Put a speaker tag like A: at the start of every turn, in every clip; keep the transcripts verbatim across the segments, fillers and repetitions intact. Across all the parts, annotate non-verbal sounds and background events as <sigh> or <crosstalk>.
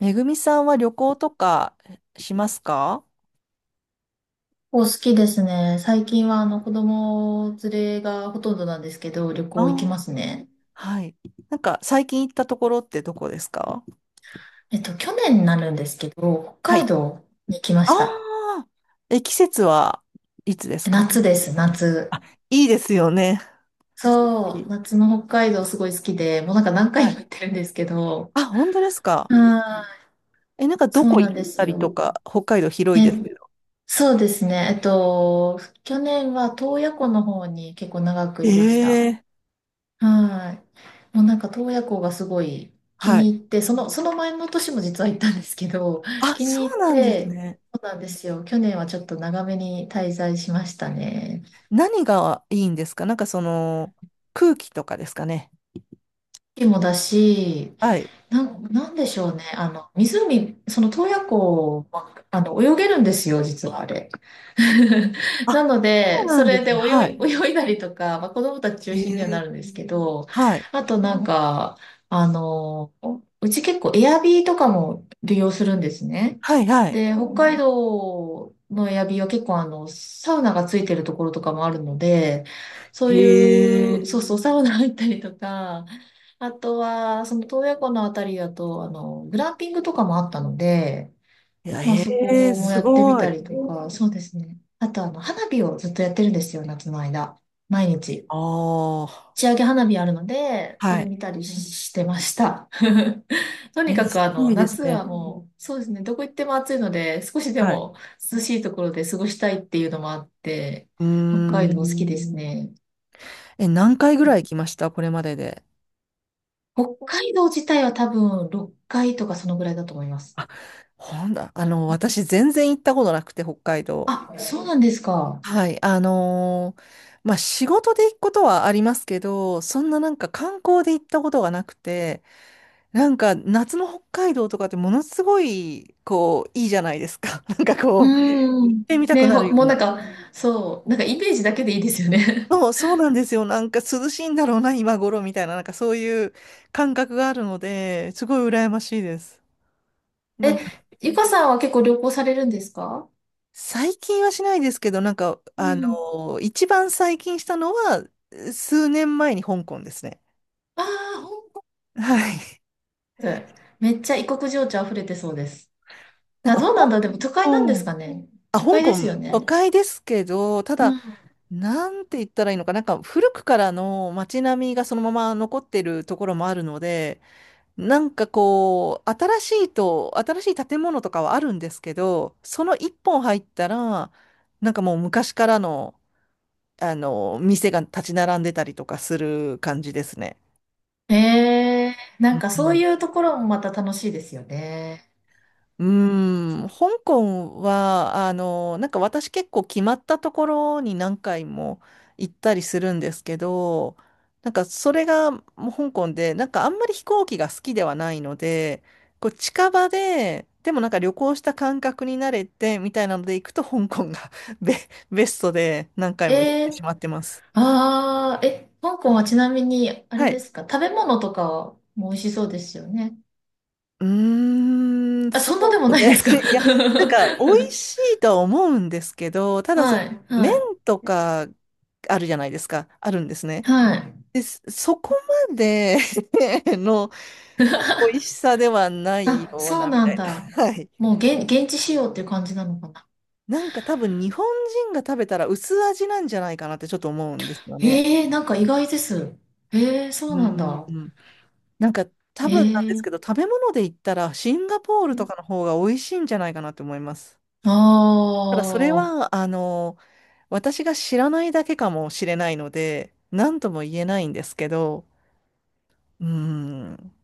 A: めぐみさんは旅行とかしますか？
B: お好きですね。最近はあの子供連れがほとんどなんですけど、旅行行きま
A: ああー。
B: すね。
A: はい。なんか最近行ったところってどこですか？
B: えっと、去年になるんですけど、
A: は
B: 北海
A: い。
B: 道に来ま
A: あ
B: した。
A: あ、え、季節はいつですか？
B: 夏です、夏。
A: いいですよね。<laughs> い
B: そう、
A: い。
B: 夏の北海道すごい好きで、もうなんか何回
A: はい。
B: も行ってるんですけど、
A: あ、本当ですか？
B: はい、
A: え、なんかど
B: そう
A: こ
B: な
A: 行
B: ん
A: っ
B: です
A: たりと
B: よ。
A: か、北海道広い
B: え、
A: です？
B: そうですね。えっと、去年は洞爺湖の方に結構長く
A: え
B: いました。
A: え。
B: はい。もうなんか洞爺湖がすごい気
A: は
B: に
A: い。
B: 入って、その、その前の年も実は行ったんですけど、<laughs>
A: あ、
B: 気
A: そ
B: に入
A: う
B: っ
A: なんです
B: て、
A: ね。
B: そうなんですよ。去年はちょっと長めに滞在しましたね。
A: 何がいいんですか？なんかその、空気とかですかね。
B: 雪もだし、
A: はい。
B: なん、なんでしょうね。あの、湖、その洞爺湖は、あの、泳げるんですよ、実はあれ。<laughs>
A: あ、
B: なの
A: そう
B: で、
A: な
B: そ
A: んで
B: れ
A: す
B: で
A: ね。は
B: 泳い、
A: い。
B: 泳いだりとか、まあ、子供たち中
A: え
B: 心にはな
A: え。
B: るんですけど、
A: はい。
B: あとなんか、あの、うち結構エアビーとかも利用するんですね。
A: はい、は
B: で、
A: い。
B: 北海道のエアビーは結構あの、サウナがついてるところとかもあるので、そ
A: へ
B: ういう、
A: え。
B: そうそう、サウナ入ったりとか、あとは、その洞爺湖のあたりだと、あの、グランピングとかもあったので、
A: いや、
B: まあ
A: へ
B: そ
A: え、
B: こも
A: す
B: やってみ
A: ご
B: た
A: い。
B: りとか、そうですね。あと、あの、花火をずっとやってるんですよ、夏の間。毎日。
A: ああ、
B: 打ち上げ花火あるので、そ
A: は
B: れ見
A: い。
B: たりししてました。<laughs> とに
A: え、
B: かく、
A: す
B: あ
A: ご
B: の、
A: いです
B: 夏は
A: ね。
B: もう、そうですね、どこ行っても暑いので、少しで
A: はい。
B: も涼しいところで過ごしたいっていうのもあって、
A: うー
B: 北海道好
A: ん。
B: きですね。
A: え、何回ぐらい行きましたこれまでで？
B: 北海道自体は多分ろっかいとかそのぐらいだと思います。
A: あ、ほんだ、あの、私全然行ったことなくて、北海道。
B: あ、そうなんですか。
A: はい、あのーまあ、仕事で行くことはありますけど、そんななんか観光で行ったことがなくて、なんか夏の北海道とかってものすごい、こう、いいじゃないですか。<laughs> なんかこう、
B: うー
A: 行っ
B: ん。
A: てみたく
B: ね、
A: なる
B: ほ、
A: よ
B: も
A: う
B: うな
A: な。
B: んか、そう、なんかイメージだけでいいですよね。
A: そう、そうなんですよ。なんか涼しいんだろうな、今頃みたいな、なんかそういう感覚があるので、すごい羨ましいです。
B: <laughs>
A: な
B: え、
A: んか
B: ゆかさんは結構旅行されるんですか？
A: 最近はしないですけど、なんか、
B: う
A: あ
B: ん。
A: の、一番最近したのは、数年前に香港ですね。
B: ああ、本
A: <laughs> はい。<laughs>
B: 当。めっちゃ異国情緒溢れてそうです。
A: なん
B: あ、
A: か、
B: どうなんだ、
A: 香
B: でも都会なんです
A: 港、
B: かね。
A: あ、
B: 都
A: 香
B: 会で
A: 港、
B: すよ
A: 都
B: ね。
A: 会ですけど、た
B: う
A: だ、
B: ん。
A: なんて言ったらいいのか、なんか古くからの街並みがそのまま残ってるところもあるので、なんかこう、新しいと、新しい建物とかはあるんですけど、その一本入ったら、なんかもう昔からの、あの、店が立ち並んでたりとかする感じですね。
B: ええ、な
A: う
B: んかそう
A: ん。
B: いうところもまた楽しいですよね。
A: うーん、香港は、あの、なんか私結構決まったところに何回も行ったりするんですけど、なんかそれがもう香港で、なんかあんまり飛行機が好きではないので、こう近場で、でもなんか旅行した感覚になれてみたいなので行くと香港が <laughs> ベ、ベストで何回
B: え
A: も行って
B: え、
A: しまってます。
B: ああー、え、香港はちなみに、あれ
A: は
B: で
A: い。
B: すか、食べ物とかも美味しそうですよね。
A: うーん、
B: あ、
A: そ
B: そんなでも
A: う
B: ない
A: で、
B: ですか？
A: <laughs> いや、な
B: <laughs>
A: んか、美味しいとは思うんですけど、ただ
B: は
A: そ、
B: い、
A: 麺
B: はい、
A: とかあるじゃないですか、あるんですね。
B: はい。
A: で、そそこまで <laughs> の美味しさではない
B: あ、
A: よう
B: そう
A: な、み
B: な
A: た
B: ん
A: いな。
B: だ。
A: <laughs> はい。
B: もう現、現地仕様っていう感じなのかな。
A: なんか多分、日本人が食べたら薄味なんじゃないかなってちょっと思うんですよね。
B: ええ、なんか意外です。ええ、そ
A: う
B: うなんだ。
A: ん。なんか、多分なんです
B: え
A: けど、
B: え、
A: 食べ物で言ったら、シンガポールとかの方が美味しいんじゃないかなって思います。
B: あ
A: ただそれ
B: ー、
A: は、あの、私が知らないだけかもしれないので、何とも言えないんですけど、うーん。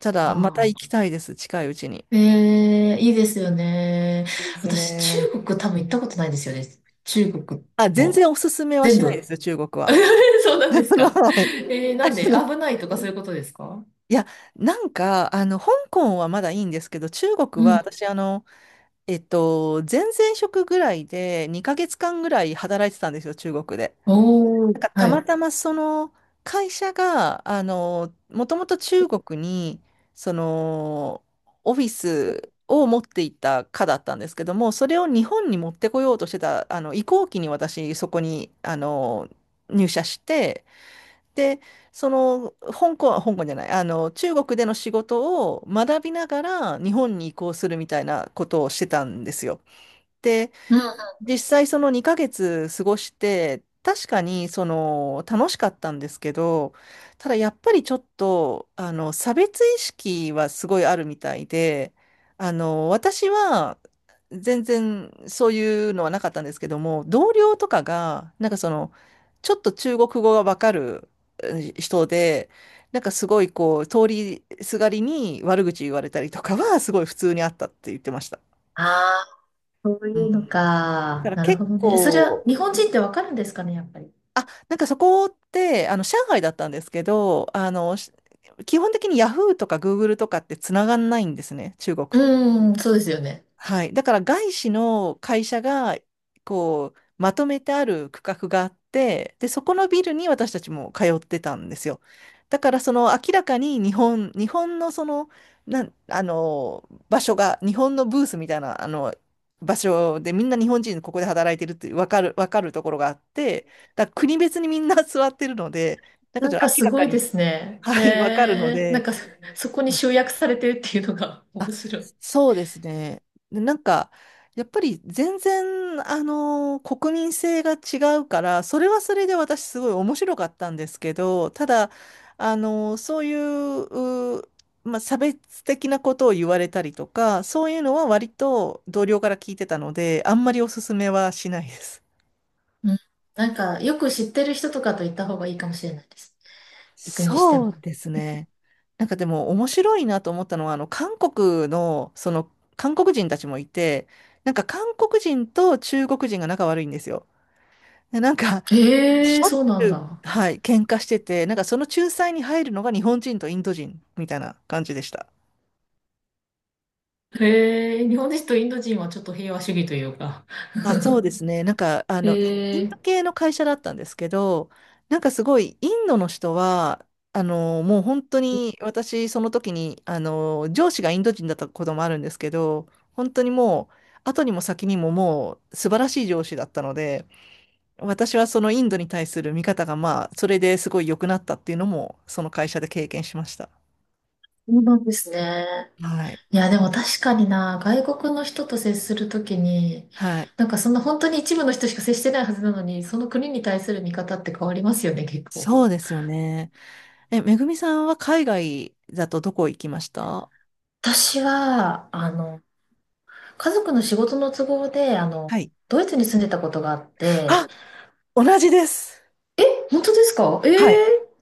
A: ただ、また
B: あ
A: 行きたいです、近いうちに。
B: ー、ええ、いいですよね。
A: いいです
B: 私、中
A: ね。
B: 国多分行ったことないですよね。中国
A: あ、全
B: も。
A: 然おすすめは
B: 全
A: しないで
B: 部。
A: すよ、中国は。
B: <laughs> そうな
A: <laughs>
B: んです
A: あの、
B: か。
A: はい。
B: ええ、
A: <laughs> あ
B: なんで、
A: の
B: 危ないとかそういうことですか？
A: いや、なんか、あの、香港はまだいいんですけど、中国
B: う
A: は
B: ん。
A: 私、あの、えっと、前々職ぐらいでにかげつかんぐらい働いてたんですよ、中国で。
B: お
A: なん
B: ー、
A: かた
B: は
A: ま
B: い。
A: たまその会社が、あの、もともと中国に、その、オフィスを持っていた課だったんですけども、それを日本に持ってこようとしてた、あの、移行期に私、そこに、あの、入社して、で、その、香港、香港じゃない、あの、中国での仕事を学びながら日本に移行するみたいなことをしてたんですよ。で
B: うん。
A: 実際そのにかげつ過ごして、確かにその楽しかったんですけど、ただやっぱりちょっと、あの、差別意識はすごいあるみたいで、あの、私は全然そういうのはなかったんですけども、同僚とかが、なんかその、ちょっと中国語がわかる、うん、人で、なんかすごいこう、通りすがりに悪口言われたりとかはすごい普通にあったって言ってました。
B: あ、そう
A: う
B: いう
A: ん。
B: の
A: だか
B: か。
A: ら
B: なる
A: 結
B: ほどね。それは
A: 構、
B: 日本人ってわかるんですかね、やっぱり。
A: あ、なんかそこって、あの、上海だったんですけど、あの、し基本的にヤフーとかグーグルとかってつながんないんですね、中国
B: う
A: っ
B: ーん、そうですよね。
A: はい。だから外資の会社が、こう、まとめてある区画があって、で、そこのビルに私たちも通ってたんですよ。だから、その明らかに日本、日本のその、なん、あの、場所が、日本のブースみたいな、あの、場所でみんな日本人ここで働いてるってわかる、わかるところがあって、だから国別にみんな座ってるので、だから
B: な
A: ち
B: ん
A: ょっと
B: か
A: 明
B: す
A: ら
B: ご
A: か
B: いで
A: に、
B: すね。
A: はい、わかるの
B: えー、なん
A: で、
B: かそこに集約されてるっていうのが <laughs> 面白い。
A: そうですね。で、なんか、やっぱり全然、あのー国民性が違うから、それはそれで私すごい面白かったんですけど、ただ、あのーそういう、うー、まあ、差別的なことを言われたりとか、そういうのは割と同僚から聞いてたので、あんまりおすすめはしないです。
B: うん。なんか、よく知ってる人とかと行った方がいいかもしれないです。行くにして
A: そ
B: も。
A: うですね。なんかでも面白いなと思ったのは、あの、韓国の、その、韓国人たちもいて、なんか韓国人と中国人が仲悪いんですよ。でなんか、し
B: えー、
A: ょっ
B: そうな
A: ち
B: ん
A: ゅう、
B: だ。
A: はい、喧嘩してて、なんかその仲裁に入るのが日本人とインド人みたいな感じでした。
B: えー、日本人とインド人はちょっと平和主義というか。
A: あ、そうですね。なんか、あ
B: え
A: の、インイン
B: ー、
A: ド系の会社だったんですけど、なんかすごい、インドの人は、あの、もう本当に、私、その時に、あの、上司がインド人だったこともあるんですけど、本当にもう、後にも先にももう、素晴らしい上司だったので、私はそのインドに対する見方が、まあ、それですごい良くなったっていうのも、その会社で経験しました。
B: そうなんですね。
A: はい。
B: いや、でも確かにな、外国の人と接するときに、
A: はい。
B: なんかそんな本当に一部の人しか接してないはずなのに、その国に対する見方って変わりますよね、結構。
A: そうですよね。え、めぐみさんは海外だとどこ行きました？
B: 私は、あの、家族の仕事の都合で、あの、
A: はい。
B: ドイツに住んでたことがあって、
A: あ、同じです。
B: 本当ですか？ええ
A: はい。
B: ー、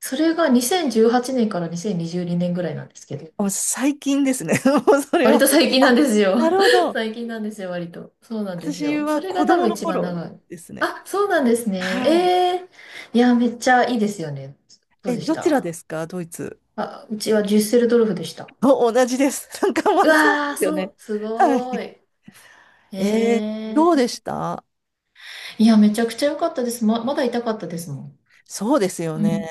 B: それがにせんじゅうはちねんからにせんにじゅうにねんぐらいなんですけど、
A: もう最近ですね。<laughs> もうそれ
B: 割
A: は。
B: と最近
A: あ、
B: なんですよ。
A: なるほ
B: <laughs>
A: ど。
B: 最近なんですよ、割と。そうなんです
A: 私
B: よ。そ
A: は
B: れ
A: 子
B: が多
A: 供
B: 分
A: の
B: 一番
A: 頃
B: 長い。
A: ですね。
B: あ、そうなんですね。え
A: はい。
B: え、いや、めっちゃいいですよね。どう
A: え、
B: でし
A: どちら
B: た？
A: ですか、ドイツ？
B: あ、うちはデュッセルドルフでした。
A: お、同じです。<laughs> なんかま
B: う
A: あそうで
B: わー、
A: すよ
B: そ
A: ね。
B: う、す
A: は
B: ご
A: い。
B: ーい。え
A: えー、どう
B: え、
A: でした？
B: いや、めちゃくちゃ良かったです。ま、まだ痛かったですもん。
A: そうですよ
B: う
A: ね。
B: ん、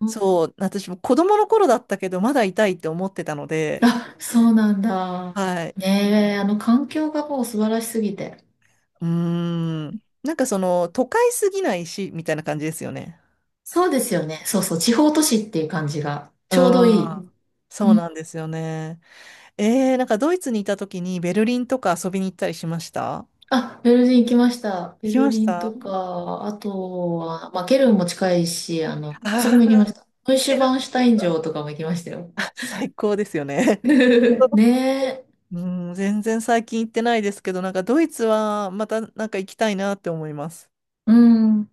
B: うん、
A: そう。私も子供の頃だったけど、まだ痛いって思ってたので、
B: あ、そうなんだ。
A: はい。
B: ねえ、あの環境がもう素晴らしすぎて。
A: うーん。なんかその、都会すぎないし、みたいな感じですよね。
B: そうですよね。そうそう、地方都市っていう感じが
A: う
B: ちょうどい
A: ん。
B: い。
A: そ
B: う
A: う
B: ん、
A: なんですよね。えー、なんかドイツにいた時にベルリンとか遊びに行ったりしました？
B: あ、ベルリン行きました。
A: 行
B: ベ
A: き
B: ル
A: まし
B: リン
A: た。あ
B: とか、あとは、まあ、ケルンも近いし、あの、あそこ
A: あ
B: も行
A: ー、
B: きました。ノイシ
A: ケ
B: ュ
A: ルン。
B: バンシュタイン城とかも行きましたよ。
A: あ、最高ですよね。
B: <laughs> ねえ。
A: うん、全然最近行ってないですけど、なんかドイツはまたなんか行きたいなって思います。
B: うん。なん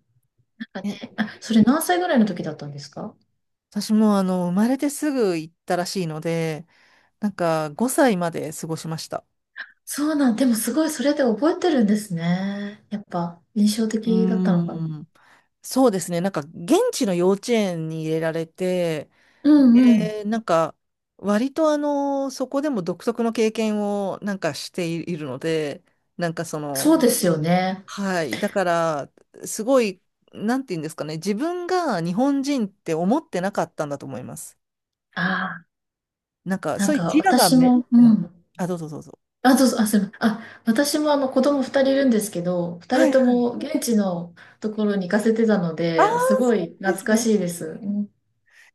B: か
A: え、
B: ね、あ、それ何歳ぐらいの時だったんですか？
A: 私もあの、生まれてすぐ行ったらしいので、なんかごさいまで過ごしました。
B: そうなん、でもすごいそれで覚えてるんですね。やっぱ印象
A: うー
B: 的だったのかな。
A: ん。そうですね。なんか、現地の幼稚園に入れられて、
B: うんうん。
A: で、なんか、割とあの、そこでも独特の経験をなんかしてい <laughs> るので、なんかその、
B: そうですよね。
A: はい。だから、すごい、なんて言うんですかね。自分が日本人って思ってなかったんだと思います。
B: ああ、
A: なんか、
B: な
A: そ
B: ん
A: ういう
B: か
A: 自我が
B: 私
A: め、
B: も、う
A: うん。
B: ん。
A: あ、どうぞどうぞ。
B: あ、どうぞ、あ、すいません。あ、私もあの子供ふたりいるんですけど、2
A: は
B: 人
A: い
B: と
A: はい。
B: も現地のところに行かせてたの
A: ああ、
B: で、すご
A: そ
B: い
A: うで
B: 懐
A: す
B: か
A: ね。
B: しいです。うん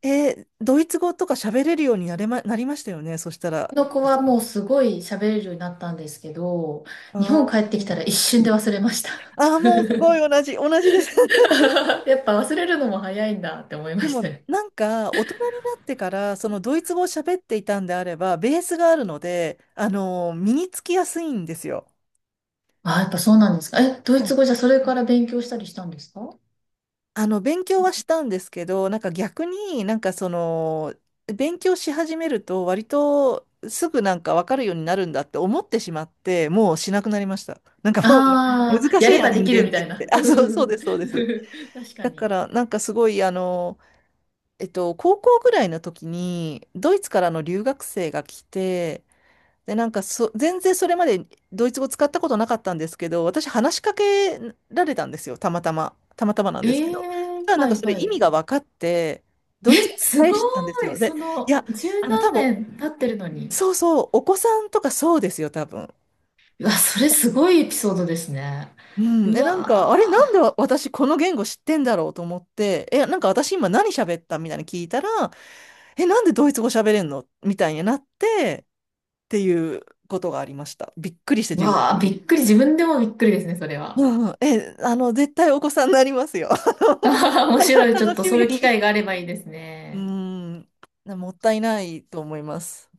A: えー、ドイツ語とか喋れるようになれま、なりましたよね。そしたら。
B: の子はもうすごい喋れるようになったんですけど、
A: あ
B: 日本
A: あ。
B: 帰ってきたら一瞬で忘れました。
A: ああ、もうすごい同じ、同じです。<laughs>
B: <laughs> やっぱ忘れるのも早いんだって思いま
A: で
B: した
A: も、
B: ね。
A: なんか、大人になってから、そのドイツ語を喋っていたんであれば、ベースがあるので、あの、身につきやすいんですよ。
B: あ、やっぱそうなんですか。え、ドイ
A: は
B: ツ
A: い。
B: 語じゃそれから勉強したりしたんですか？
A: あの、勉強はしたんですけど、なんか逆になんかその、勉強し始めると、割とすぐなんかわかるようになるんだって思ってしまって、もうしなくなりました。なんかもう、<laughs>
B: ああ
A: 難
B: ー、
A: し
B: や
A: い
B: れ
A: な、
B: ば
A: 人
B: できる
A: 間
B: み
A: って
B: たい
A: って。
B: な。
A: あ、そう、
B: う
A: そうで
B: ん
A: す、そうです。
B: <laughs> 確か
A: だか
B: に。
A: ら、なんかすごい、あの、えっと、高校ぐらいの時に、ドイツからの留学生が来て、で、なんかそ、全然それまでドイツ語使ったことなかったんですけど、私話しかけられたんですよ、たまたま。たまたまなんです
B: え
A: けど。そし
B: え、
A: たらなん
B: は
A: か
B: い
A: それ
B: は
A: 意
B: い。
A: 味が分かって、ド
B: え、
A: イツ語で
B: す
A: 返
B: ご
A: したんです
B: い。
A: よ。
B: そ
A: で、い
B: の、
A: や、
B: 十
A: あの、多
B: 何
A: 分、
B: 年経ってるのに。
A: そうそう、お子さんとかそうですよ、多分。
B: うわ、それすごいエピソードですね。
A: うん、
B: う
A: え、なんか、あれ、なんで
B: わ
A: 私この言語知ってんだろうと思って、え、なんか私今何喋ったみたいに聞いたら、え、なんでドイツ語喋れんのみたいになって、っていうことがありました。びっくりして
B: ー。
A: 自分
B: わあ、
A: も。
B: びっくり。自分でもびっくりですね、それ
A: う
B: は。
A: んうん、え、あの、絶対お子さんになりますよ。<laughs>
B: <laughs> あはは面
A: あ
B: 白
A: の、
B: い。ちょっ
A: 楽
B: と
A: しみ
B: そういう機
A: に。
B: 会があればいいです
A: <laughs> う
B: ね。
A: ん、もったいないと思います。